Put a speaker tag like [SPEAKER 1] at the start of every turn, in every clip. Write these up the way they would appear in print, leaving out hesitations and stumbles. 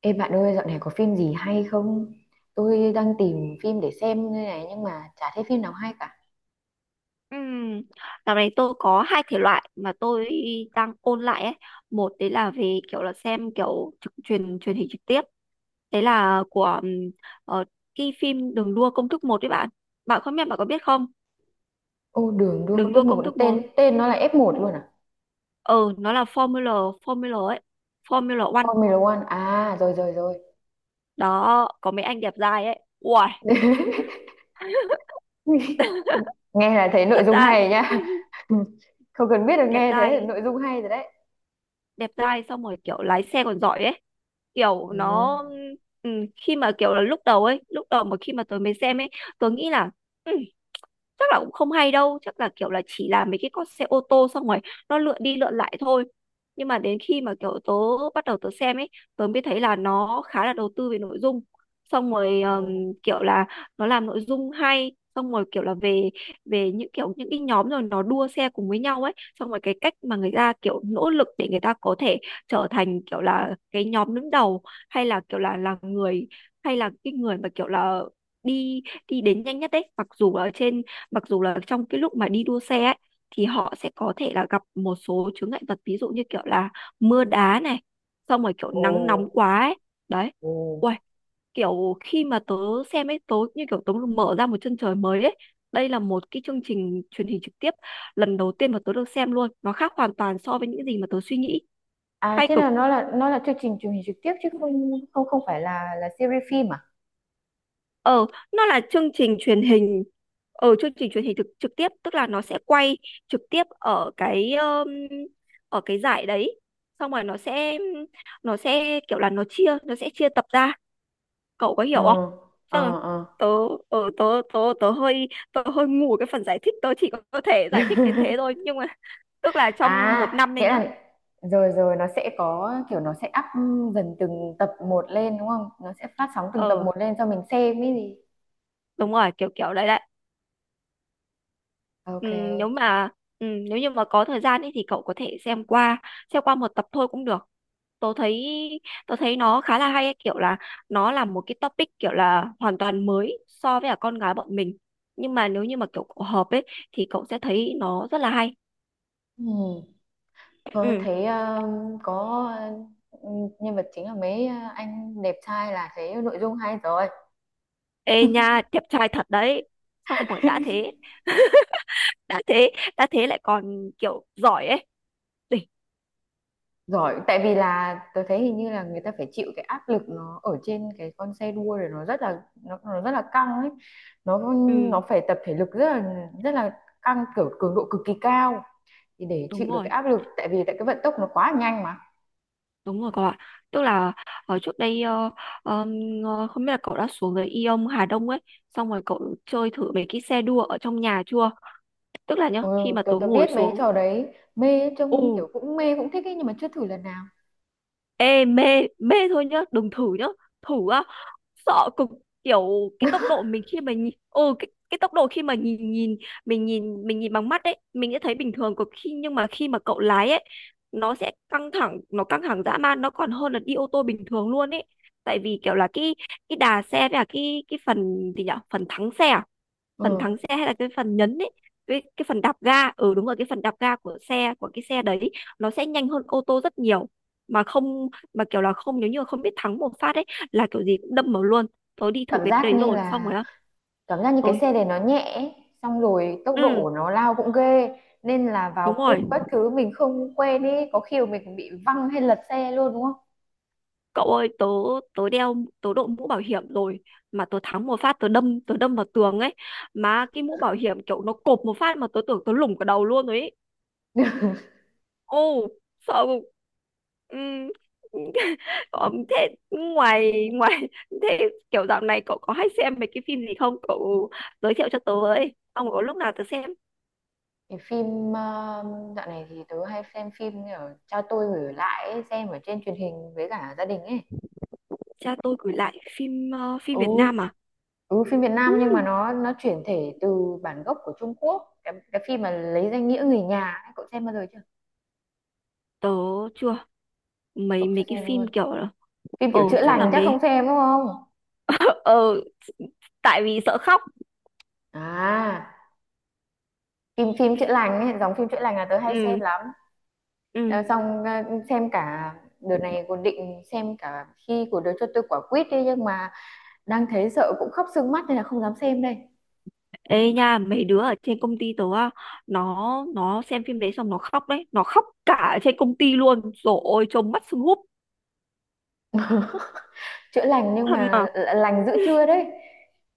[SPEAKER 1] Ê bạn ơi, dạo này có phim gì hay không? Tôi đang tìm phim để xem đây này nhưng mà chả thấy phim nào hay cả.
[SPEAKER 2] Ừm, Dạo này tôi có hai thể loại mà tôi đang ôn lại ấy. Một đấy là về kiểu là xem kiểu trực truyền truyền hình trực tiếp. Đấy là của ờ, cái phim Đường đua công thức một đấy bạn. Bạn không biết bạn có biết không?
[SPEAKER 1] Ô đường đua công
[SPEAKER 2] Đường
[SPEAKER 1] thức
[SPEAKER 2] đua công
[SPEAKER 1] 11
[SPEAKER 2] thức một.
[SPEAKER 1] tên tên nó là F1 luôn à?
[SPEAKER 2] Ừ, nó là Formula Formula ấy. Formula One.
[SPEAKER 1] Formula One. À, rồi rồi rồi.
[SPEAKER 2] Đó, có mấy anh đẹp trai ấy. Uầy,
[SPEAKER 1] Nghe là thấy nội
[SPEAKER 2] thật
[SPEAKER 1] dung
[SPEAKER 2] ra
[SPEAKER 1] hay nhá. Không cần biết được
[SPEAKER 2] đẹp
[SPEAKER 1] nghe thế là
[SPEAKER 2] trai
[SPEAKER 1] nội dung hay rồi đấy.
[SPEAKER 2] đẹp trai xong rồi kiểu lái xe còn giỏi ấy, kiểu
[SPEAKER 1] Ừ.
[SPEAKER 2] nó ừ, khi mà kiểu là lúc đầu mà khi mà tớ mới xem ấy, tớ nghĩ là ừ, chắc là cũng không hay đâu, chắc là kiểu là chỉ là mấy cái con xe ô tô xong rồi nó lượn đi lượn lại thôi. Nhưng mà đến khi mà kiểu tớ bắt đầu tớ xem ấy, tớ mới thấy là nó khá là đầu tư về nội dung. Xong rồi
[SPEAKER 1] Ồ.
[SPEAKER 2] kiểu là nó làm nội dung hay, xong rồi kiểu là về về những cái nhóm rồi nó đua xe cùng với nhau ấy. Xong rồi cái cách mà người ta kiểu nỗ lực để người ta có thể trở thành kiểu là cái nhóm đứng đầu, hay là kiểu là người, hay là cái người mà kiểu là đi đi đến nhanh nhất đấy, mặc dù là trong cái lúc mà đi đua xe ấy, thì họ sẽ có thể là gặp một số chướng ngại vật, ví dụ như kiểu là mưa đá này, xong rồi kiểu
[SPEAKER 1] Ồ.
[SPEAKER 2] nắng nóng quá ấy. Đấy.
[SPEAKER 1] Ồ.
[SPEAKER 2] Uầy, kiểu khi mà tớ xem ấy, tớ như kiểu tớ mở ra một chân trời mới ấy. Đây là một cái chương trình truyền hình trực tiếp lần đầu tiên mà tớ được xem luôn, nó khác hoàn toàn so với những gì mà tớ suy nghĩ.
[SPEAKER 1] À,
[SPEAKER 2] Hay
[SPEAKER 1] thế
[SPEAKER 2] cực.
[SPEAKER 1] là nó là chương trình truyền hình trực tiếp chứ không không không phải là series phim à?
[SPEAKER 2] ờ nó là chương trình truyền hình, ở chương trình truyền hình trực tiếp, tức là nó sẽ quay trực tiếp ở cái giải đấy. Xong rồi nó sẽ kiểu là nó sẽ chia tập ra, cậu có
[SPEAKER 1] Ừ.
[SPEAKER 2] hiểu không?
[SPEAKER 1] Ờ
[SPEAKER 2] Tức là
[SPEAKER 1] ờ.
[SPEAKER 2] tớ ờ, tớ tớ tớ hơi ngu ở cái phần giải thích, tớ chỉ có thể giải thích đến thế thôi, nhưng mà tức là trong
[SPEAKER 1] À,
[SPEAKER 2] một năm này
[SPEAKER 1] nghĩa
[SPEAKER 2] nhá.
[SPEAKER 1] là rồi rồi nó sẽ có kiểu nó sẽ up dần từng tập một lên đúng không? Nó sẽ phát sóng từng tập
[SPEAKER 2] ờ
[SPEAKER 1] một lên cho mình xem ấy gì.
[SPEAKER 2] Đúng rồi, kiểu kiểu đấy đấy. ừ,
[SPEAKER 1] Ok.
[SPEAKER 2] nếu mà Nếu như mà có thời gian ấy thì cậu có thể xem qua một tập thôi cũng được. tớ thấy Tớ thấy nó khá là hay ấy, kiểu là nó là một cái topic kiểu là hoàn toàn mới so với cả con gái bọn mình, nhưng mà nếu như mà kiểu cậu hợp ấy thì cậu sẽ thấy nó rất là hay.
[SPEAKER 1] Ừ. Thôi
[SPEAKER 2] Ừ.
[SPEAKER 1] thấy có nhân vật chính là mấy anh đẹp trai là thấy nội dung hay rồi.
[SPEAKER 2] Ê nha, đẹp trai thật đấy. Xong rồi đã thế, đã thế, đã thế lại còn kiểu giỏi ấy. Đỉnh.
[SPEAKER 1] Giỏi, tại vì là tôi thấy hình như là người ta phải chịu cái áp lực nó ở trên cái con xe đua rồi nó rất là nó rất là căng ấy. Nó nó
[SPEAKER 2] Ừ,
[SPEAKER 1] phải tập thể lực rất là căng kiểu cường độ cực kỳ cao. Thì để chịu
[SPEAKER 2] đúng
[SPEAKER 1] được cái
[SPEAKER 2] rồi,
[SPEAKER 1] áp lực tại vì tại cái vận tốc nó quá nhanh mà.
[SPEAKER 2] đúng rồi cậu ạ. Tức là ở trước đây ờm, không biết là cậu đã xuống dưới Ion Hà Đông ấy, xong rồi cậu chơi thử mấy cái xe đua ở trong nhà chưa. Tức là nhá,
[SPEAKER 1] Ừ,
[SPEAKER 2] khi mà
[SPEAKER 1] tôi
[SPEAKER 2] tớ
[SPEAKER 1] tôi
[SPEAKER 2] ngồi
[SPEAKER 1] biết mấy
[SPEAKER 2] xuống.
[SPEAKER 1] trò đấy mê trông
[SPEAKER 2] Ừ.
[SPEAKER 1] kiểu cũng mê cũng thích ấy nhưng mà chưa thử lần nào.
[SPEAKER 2] Ê, mê, mê thôi nhá, đừng thử nhá. Thử á, sợ cực. Kiểu cái tốc độ mình khi mà nhìn, cái tốc độ khi mà nhìn nhìn mình nhìn bằng mắt ấy, mình sẽ thấy bình thường cực, nhưng mà khi mà cậu lái ấy, nó căng thẳng dã man, nó còn hơn là đi ô tô bình thường luôn ấy. Tại vì kiểu là cái đà xe với cả cái phần gì nhở, phần thắng xe à? Phần
[SPEAKER 1] Ừ,
[SPEAKER 2] thắng xe hay là cái phần nhấn ấy, cái phần đạp ga. Ừ, đúng rồi, cái phần đạp ga của của cái xe đấy, nó sẽ nhanh hơn ô tô rất nhiều, mà không mà kiểu là không nếu như mà không biết thắng một phát ấy là kiểu gì cũng đâm vào luôn. Tớ đi thử
[SPEAKER 1] cảm
[SPEAKER 2] cái
[SPEAKER 1] giác
[SPEAKER 2] đấy
[SPEAKER 1] như
[SPEAKER 2] rồi, xong
[SPEAKER 1] là
[SPEAKER 2] rồi á.
[SPEAKER 1] cảm giác như cái
[SPEAKER 2] Ôi.
[SPEAKER 1] xe này nó nhẹ ấy, xong rồi tốc độ của
[SPEAKER 2] Ừ,
[SPEAKER 1] nó lao cũng ghê nên là vào
[SPEAKER 2] đúng
[SPEAKER 1] cua
[SPEAKER 2] rồi
[SPEAKER 1] các thứ mình không quen ấy có khi mà mình còn bị văng hay lật xe luôn đúng không?
[SPEAKER 2] cậu ơi. Tớ tớ đeo tớ đội mũ bảo hiểm rồi, mà tớ thắng một phát, tớ đâm vào tường ấy, mà cái mũ bảo hiểm kiểu nó cộp một phát mà tớ tưởng tớ lủng cả đầu luôn rồi ấy. Ô, sợ. Ừ. Thế ngoài ngoài thế kiểu dạo này cậu có hay xem mấy cái phim gì không? Cậu giới thiệu cho tớ với. Ông có lúc nào tớ xem.
[SPEAKER 1] Cái phim dạo này thì tớ hay xem phim ở cha tôi gửi lại ấy, xem ở trên truyền hình với cả gia đình ấy.
[SPEAKER 2] Cha tôi gửi lại phim, phim
[SPEAKER 1] Ừ
[SPEAKER 2] Việt Nam à?
[SPEAKER 1] ừ, phim Việt
[SPEAKER 2] Ừ,
[SPEAKER 1] Nam nhưng mà nó chuyển thể từ bản gốc của Trung Quốc cái phim mà lấy danh nghĩa người nhà ấy, cậu xem bao giờ chưa?
[SPEAKER 2] tớ chưa. Mấy
[SPEAKER 1] Cậu chưa
[SPEAKER 2] mấy cái
[SPEAKER 1] xem
[SPEAKER 2] phim
[SPEAKER 1] luôn
[SPEAKER 2] kiểu là
[SPEAKER 1] phim kiểu chữa
[SPEAKER 2] chắc là
[SPEAKER 1] lành chắc không
[SPEAKER 2] mấy,
[SPEAKER 1] xem đúng không?
[SPEAKER 2] ờ tại vì sợ khóc.
[SPEAKER 1] À, phim phim chữa lành ấy, dòng phim chữa lành là tớ hay xem
[SPEAKER 2] Ừ.
[SPEAKER 1] lắm.
[SPEAKER 2] Ừ.
[SPEAKER 1] Ờ, xong xem cả đợt này còn định xem cả khi của đứa cho tôi quả quýt đi nhưng mà đang thấy sợ cũng khóc sưng mắt nên là không dám xem đây.
[SPEAKER 2] Ê nha, mấy đứa ở trên công ty tớ á, nó nó xem phim đấy xong nó khóc đấy, nó khóc cả ở trên công ty luôn. Rồi ôi, trông mắt sưng húp.
[SPEAKER 1] chữa lành nhưng
[SPEAKER 2] Thật mà.
[SPEAKER 1] mà lành giữa trưa đấy.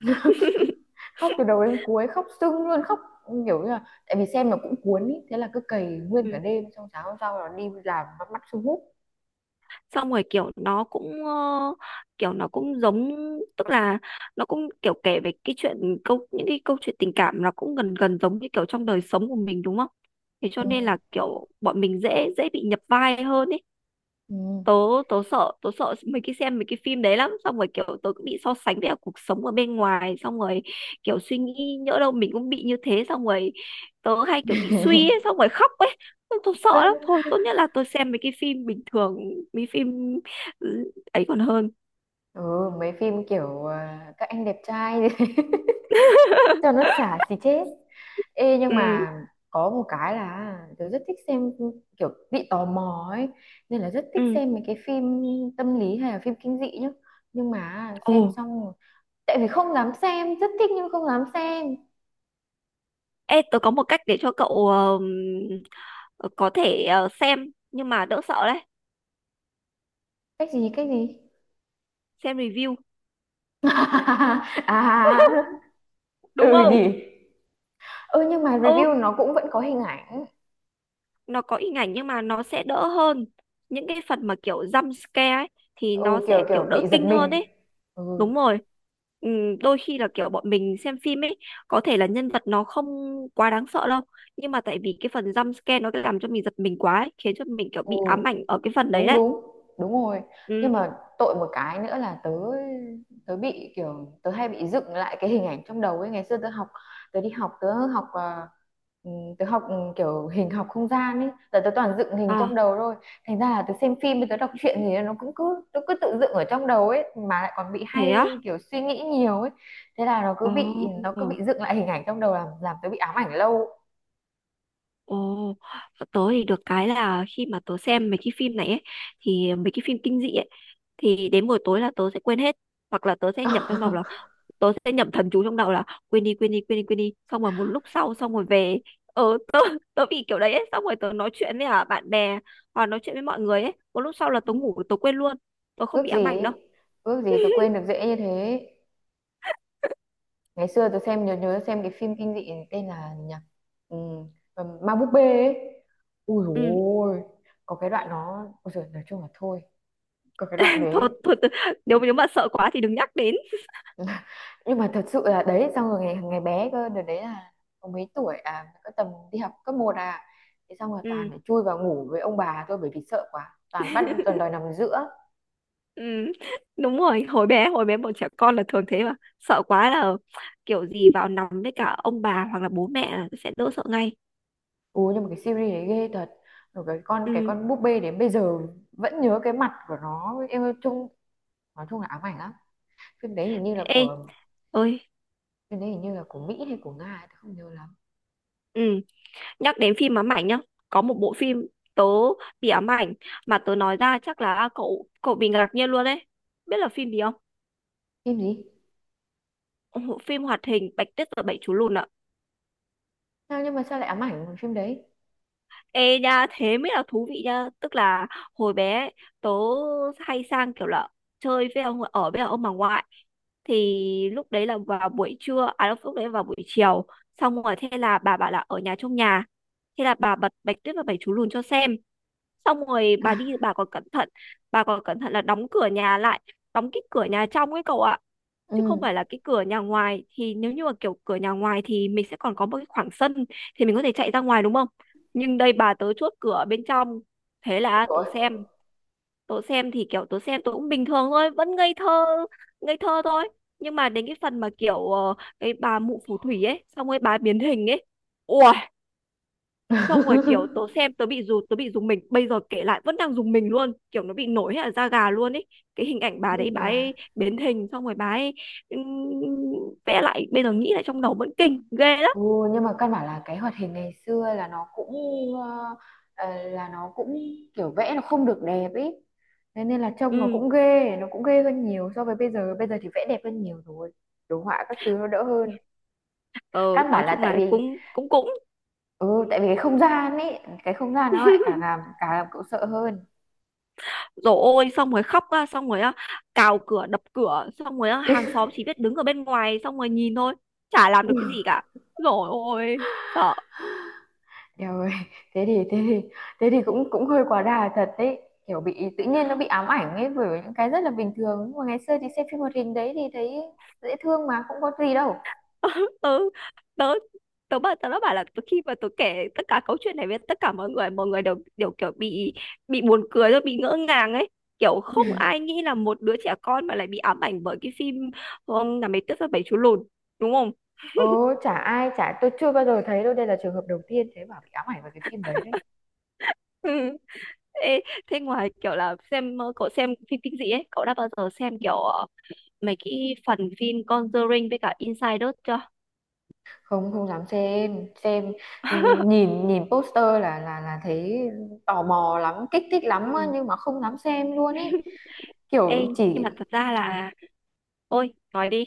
[SPEAKER 1] khóc từ đầu đến cuối khóc sưng luôn khóc kiểu như là tại vì xem nó cũng cuốn ý thế là cứ cày nguyên cả
[SPEAKER 2] Ừ.
[SPEAKER 1] đêm xong sáng hôm sau là đi làm bắt mắt sưng húp.
[SPEAKER 2] Xong rồi kiểu nó cũng, kiểu nó cũng giống, tức là nó cũng kiểu kể về cái chuyện, câu những cái câu chuyện tình cảm nó cũng gần gần giống như kiểu trong đời sống của mình đúng không? Thế cho
[SPEAKER 1] Ừ.
[SPEAKER 2] nên là kiểu bọn mình dễ dễ bị nhập vai hơn ý.
[SPEAKER 1] Ừ.
[SPEAKER 2] Tớ tớ sợ Tớ sợ mấy cái xem mấy cái phim đấy lắm, xong rồi kiểu tớ cũng bị so sánh với cả cuộc sống ở bên ngoài, xong rồi kiểu suy nghĩ nhỡ đâu mình cũng bị như thế, xong rồi tớ hay kiểu bị suy ấy, xong rồi khóc ấy. Tớ sợ lắm, thôi tốt nhất là tớ xem mấy cái phim bình thường, mấy phim ấy còn hơn.
[SPEAKER 1] ừ mấy phim kiểu à, các anh đẹp trai cho nó xả xì chết. Ê nhưng
[SPEAKER 2] Ừ.
[SPEAKER 1] mà có một cái là tớ rất thích xem kiểu bị tò mò ấy nên là rất thích
[SPEAKER 2] Ừ.
[SPEAKER 1] xem mấy cái phim tâm lý hay là phim kinh dị nhá nhưng mà
[SPEAKER 2] Ồ.
[SPEAKER 1] xem xong rồi- tại vì không dám xem rất thích nhưng không dám xem.
[SPEAKER 2] Ê, tớ có một cách để cho cậu ờ, có thể xem nhưng mà đỡ sợ đấy.
[SPEAKER 1] Cách gì cách gì?
[SPEAKER 2] Xem review,
[SPEAKER 1] à,
[SPEAKER 2] đúng
[SPEAKER 1] ừ
[SPEAKER 2] không?
[SPEAKER 1] nhỉ. Ừ nhưng mà
[SPEAKER 2] Ừ.
[SPEAKER 1] review nó cũng vẫn có hình ảnh.
[SPEAKER 2] Nó có hình ảnh nhưng mà nó sẽ đỡ hơn, những cái phần mà kiểu jump scare ấy thì nó
[SPEAKER 1] Ừ
[SPEAKER 2] sẽ
[SPEAKER 1] kiểu
[SPEAKER 2] kiểu
[SPEAKER 1] kiểu
[SPEAKER 2] đỡ
[SPEAKER 1] bị giật
[SPEAKER 2] kinh hơn
[SPEAKER 1] mình.
[SPEAKER 2] ấy.
[SPEAKER 1] Ừ.
[SPEAKER 2] Đúng rồi. Đôi khi là kiểu bọn mình xem phim ấy, có thể là nhân vật nó không quá đáng sợ đâu, nhưng mà tại vì cái phần jump scare nó cứ làm cho mình giật mình quá ấy, khiến cho mình kiểu
[SPEAKER 1] Ừ,
[SPEAKER 2] bị ám ảnh ở cái phần đấy
[SPEAKER 1] đúng
[SPEAKER 2] đấy.
[SPEAKER 1] đúng, đúng rồi. Nhưng
[SPEAKER 2] Ừ.
[SPEAKER 1] mà tội một cái nữa là tớ tớ bị kiểu tớ hay bị dựng lại cái hình ảnh trong đầu ấy ngày xưa tớ học tớ đi học ừ, tớ học ừ, kiểu hình học không gian ấy giờ tớ toàn dựng hình trong
[SPEAKER 2] À,
[SPEAKER 1] đầu thôi. Thành ra là tớ xem phim tớ đọc truyện gì nó cũng cứ tớ cứ tự dựng ở trong đầu ấy mà lại còn bị
[SPEAKER 2] thế á.
[SPEAKER 1] hay kiểu suy nghĩ nhiều ấy. Thế là
[SPEAKER 2] Ồ.
[SPEAKER 1] nó cứ bị dựng lại hình ảnh trong đầu làm tớ bị ám ảnh lâu.
[SPEAKER 2] Ồ. Tớ thì được cái là khi mà tớ xem mấy cái phim này ấy, thì mấy cái phim kinh dị ấy, thì đến buổi tối là tớ sẽ quên hết. Hoặc là tớ sẽ nhẩm thầm chú trong đầu là quên đi, quên đi, quên đi, quên đi, xong rồi một lúc sau xong rồi về. Tớ tớ bị kiểu đấy ấy. Xong rồi tớ nói chuyện với, bạn bè hoặc nói chuyện với mọi người ấy, một lúc sau là tớ ngủ, tớ quên luôn, tớ không bị
[SPEAKER 1] ước gì
[SPEAKER 2] ám ảnh đâu.
[SPEAKER 1] ấy, ước gì tớ quên được dễ như thế. Ngày xưa tôi xem nhớ nhớ xem cái phim kinh dị tên là nhỉ ừ, ma búp bê ấy. Ui dồi
[SPEAKER 2] Ừ.
[SPEAKER 1] ôi có cái đoạn nó ôi giời, nói chung là thôi có cái đoạn
[SPEAKER 2] Thôi
[SPEAKER 1] đấy.
[SPEAKER 2] thôi tớ, nếu nếu mà sợ quá thì đừng nhắc đến.
[SPEAKER 1] nhưng mà thật sự là đấy xong rồi ngày ngày bé cơ đợt đấy là có mấy tuổi à có tầm đi học cấp một à thế xong rồi toàn
[SPEAKER 2] Ừ.
[SPEAKER 1] phải chui vào ngủ với ông bà thôi bởi vì sợ quá toàn bắt toàn đòi nằm giữa.
[SPEAKER 2] Ừ. Đúng rồi, hồi bé bọn trẻ con là thường thế mà, sợ quá là kiểu gì vào nằm với cả ông bà hoặc là bố mẹ là sẽ đỡ sợ ngay.
[SPEAKER 1] Ui nhưng mà cái series đấy ghê thật rồi cái
[SPEAKER 2] Ừ.
[SPEAKER 1] con búp bê đến bây giờ vẫn nhớ cái mặt của nó em ơi, chung nói chung là ám ảnh lắm. phim đấy hình như là
[SPEAKER 2] Ê
[SPEAKER 1] của
[SPEAKER 2] ơi.
[SPEAKER 1] Phim đấy hình như là của Mỹ hay của Nga ấy, tớ không nhớ lắm.
[SPEAKER 2] Ừ. Nhắc đến phim ám ảnh nhá, có một bộ phim tớ bị ám ảnh mà tớ nói ra chắc là cậu cậu bị ngạc nhiên luôn đấy. Biết là phim gì không?
[SPEAKER 1] Phim gì
[SPEAKER 2] Ồ, phim hoạt hình Bạch Tuyết và Bảy Chú Lùn ạ.
[SPEAKER 1] sao nhưng mà sao lại ám ảnh bằng phim đấy.
[SPEAKER 2] Ê nha, thế mới là thú vị nha. Tức là hồi bé ấy, tớ hay sang kiểu là chơi với ông ở với ông bà ngoại, thì lúc đấy là vào buổi trưa, à lúc lúc đấy là vào buổi chiều. Xong rồi thế là bà bảo là ở nhà, trong nhà, thế là bà bật Bạch Tuyết và Bảy Chú Lùn cho xem. Xong rồi bà đi, bà còn cẩn thận là đóng cửa nhà lại, đóng cái cửa nhà trong ấy cậu ạ,
[SPEAKER 1] Ừ
[SPEAKER 2] chứ không phải là cái cửa nhà ngoài. Thì nếu như mà kiểu cửa nhà ngoài thì mình sẽ còn có một cái khoảng sân, thì mình có thể chạy ra ngoài đúng không? Nhưng đây bà tớ chốt cửa bên trong. Thế là tớ
[SPEAKER 1] rồi
[SPEAKER 2] xem, tớ xem thì kiểu tớ xem tớ cũng bình thường thôi, vẫn ngây thơ, ngây thơ thôi. Nhưng mà đến cái phần mà kiểu cái bà mụ phù thủy ấy xong rồi bà biến hình ấy. Ui. Xong rồi kiểu tớ xem, tớ bị rùng mình, bây giờ kể lại vẫn đang rùng mình luôn, kiểu nó bị nổi hết ở da gà luôn ấy. Cái hình ảnh bà đấy,
[SPEAKER 1] nhưng
[SPEAKER 2] bà
[SPEAKER 1] mà
[SPEAKER 2] ấy biến hình xong rồi bà ấy ừm, vẽ lại, bây giờ nghĩ lại trong đầu vẫn kinh ghê lắm.
[SPEAKER 1] ừ, nhưng mà căn bản là cái hoạt hình ngày xưa là nó cũng ờ, là nó cũng kiểu vẽ nó không được đẹp ý thế nên là trông
[SPEAKER 2] Ừ.
[SPEAKER 1] nó cũng ghê hơn nhiều so với bây giờ thì vẽ đẹp hơn nhiều rồi đồ họa các thứ nó đỡ hơn.
[SPEAKER 2] Ờ,
[SPEAKER 1] Căn
[SPEAKER 2] nói
[SPEAKER 1] bản là
[SPEAKER 2] chung
[SPEAKER 1] tại
[SPEAKER 2] là
[SPEAKER 1] vì
[SPEAKER 2] cũng cũng cũng
[SPEAKER 1] ừ tại vì cái không gian ấy cái không gian nó lại càng làm cậu sợ hơn.
[SPEAKER 2] rồi ôi, xong rồi khóc á, xong rồi á, cào cửa đập cửa xong rồi á, hàng xóm chỉ biết đứng ở bên ngoài xong rồi nhìn thôi, chả làm được cái gì cả. Rồi ôi, sợ.
[SPEAKER 1] Eo thế thì thế thì thế thì cũng cũng hơi quá đà thật đấy kiểu bị tự nhiên nó bị ám ảnh ấy bởi những cái rất là bình thường nhưng mà ngày xưa thì xem phim hoạt hình đấy thì thấy dễ thương mà không có gì đâu.
[SPEAKER 2] Ừ. tớ tớ bảo Tớ đã bảo là khi mà tớ kể tất cả câu chuyện này với tất cả mọi người, mọi người đều đều kiểu bị buồn cười rồi bị ngỡ ngàng ấy, kiểu không ai nghĩ là một đứa trẻ con mà lại bị ám ảnh bởi cái phim ông là mấy tuyết và bảy chú lùn đúng không?
[SPEAKER 1] Ồ chả ai chả tôi chưa bao giờ thấy đâu đây là trường hợp đầu tiên thế bảo bị ám ảnh với cái phim đấy đấy.
[SPEAKER 2] Ừ. Ê, thế ngoài kiểu là xem, cậu xem phim kinh dị ấy cậu đã bao giờ xem kiểu mấy cái phần phim Conjuring với cả Insider chưa?
[SPEAKER 1] Không, không dám xem xem. Ừ, nhìn nhìn poster là là thấy tò mò lắm kích thích lắm á,
[SPEAKER 2] Ừ.
[SPEAKER 1] nhưng mà không dám xem luôn ấy
[SPEAKER 2] Ê,
[SPEAKER 1] kiểu
[SPEAKER 2] nhưng
[SPEAKER 1] chỉ.
[SPEAKER 2] mà thật ra là, ôi nói đi.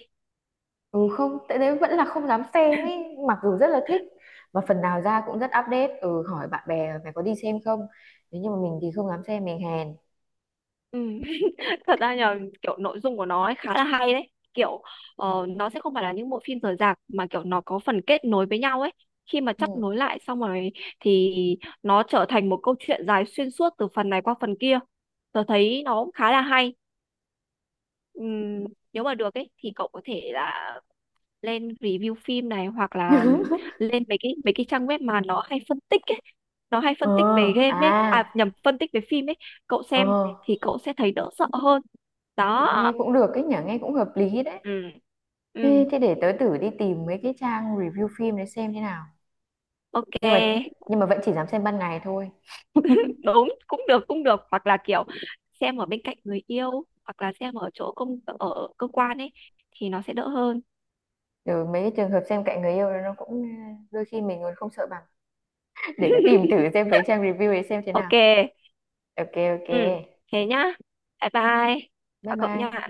[SPEAKER 1] Ừ không, tại đấy vẫn là không dám xem ấy, mặc dù rất là thích và phần nào ra cũng rất update, ừ hỏi bạn bè mày có đi xem không? Nếu như mà mình thì không dám xem mình hèn.
[SPEAKER 2] Ừ. Thật ra là kiểu nội dung của nó ấy khá là hay đấy, kiểu nó sẽ không phải là những bộ phim rời rạc mà kiểu nó có phần kết nối với nhau ấy. Khi mà
[SPEAKER 1] Ừ.
[SPEAKER 2] chắp nối lại xong rồi thì nó trở thành một câu chuyện dài xuyên suốt từ phần này qua phần kia, tớ thấy nó cũng khá là hay. Ừm, Nếu mà được ấy thì cậu có thể là lên review phim này, hoặc là lên mấy cái trang web mà nó hay phân tích ấy, nó hay phân tích về
[SPEAKER 1] Ờ,
[SPEAKER 2] game
[SPEAKER 1] à,
[SPEAKER 2] ấy, à nhầm, phân tích về phim ấy, cậu
[SPEAKER 1] ờ,
[SPEAKER 2] xem thì cậu sẽ thấy đỡ sợ hơn. Đó.
[SPEAKER 1] nghe cũng được cái nhỉ, nghe cũng hợp lý đấy.
[SPEAKER 2] Ừ. Ừ.
[SPEAKER 1] Thế, thế để tớ thử đi tìm mấy cái trang review phim để xem thế nào. Nhưng mà
[SPEAKER 2] Ok.
[SPEAKER 1] nhưng mà vẫn chỉ dám xem ban ngày thôi.
[SPEAKER 2] Đúng, cũng được, cũng được, hoặc là kiểu xem ở bên cạnh người yêu, hoặc là xem ở chỗ ở cơ quan ấy thì nó sẽ đỡ hơn.
[SPEAKER 1] Ừ, mấy cái trường hợp xem cạnh người yêu đó nó cũng ờ, đôi khi mình còn không sợ bằng. Để tớ tìm thử xem mấy trang review để xem thế nào.
[SPEAKER 2] Ok.
[SPEAKER 1] Ok ok.
[SPEAKER 2] Ừ. Thế nhá, bye bye.
[SPEAKER 1] Bye
[SPEAKER 2] Chào cậu
[SPEAKER 1] bye.
[SPEAKER 2] nha.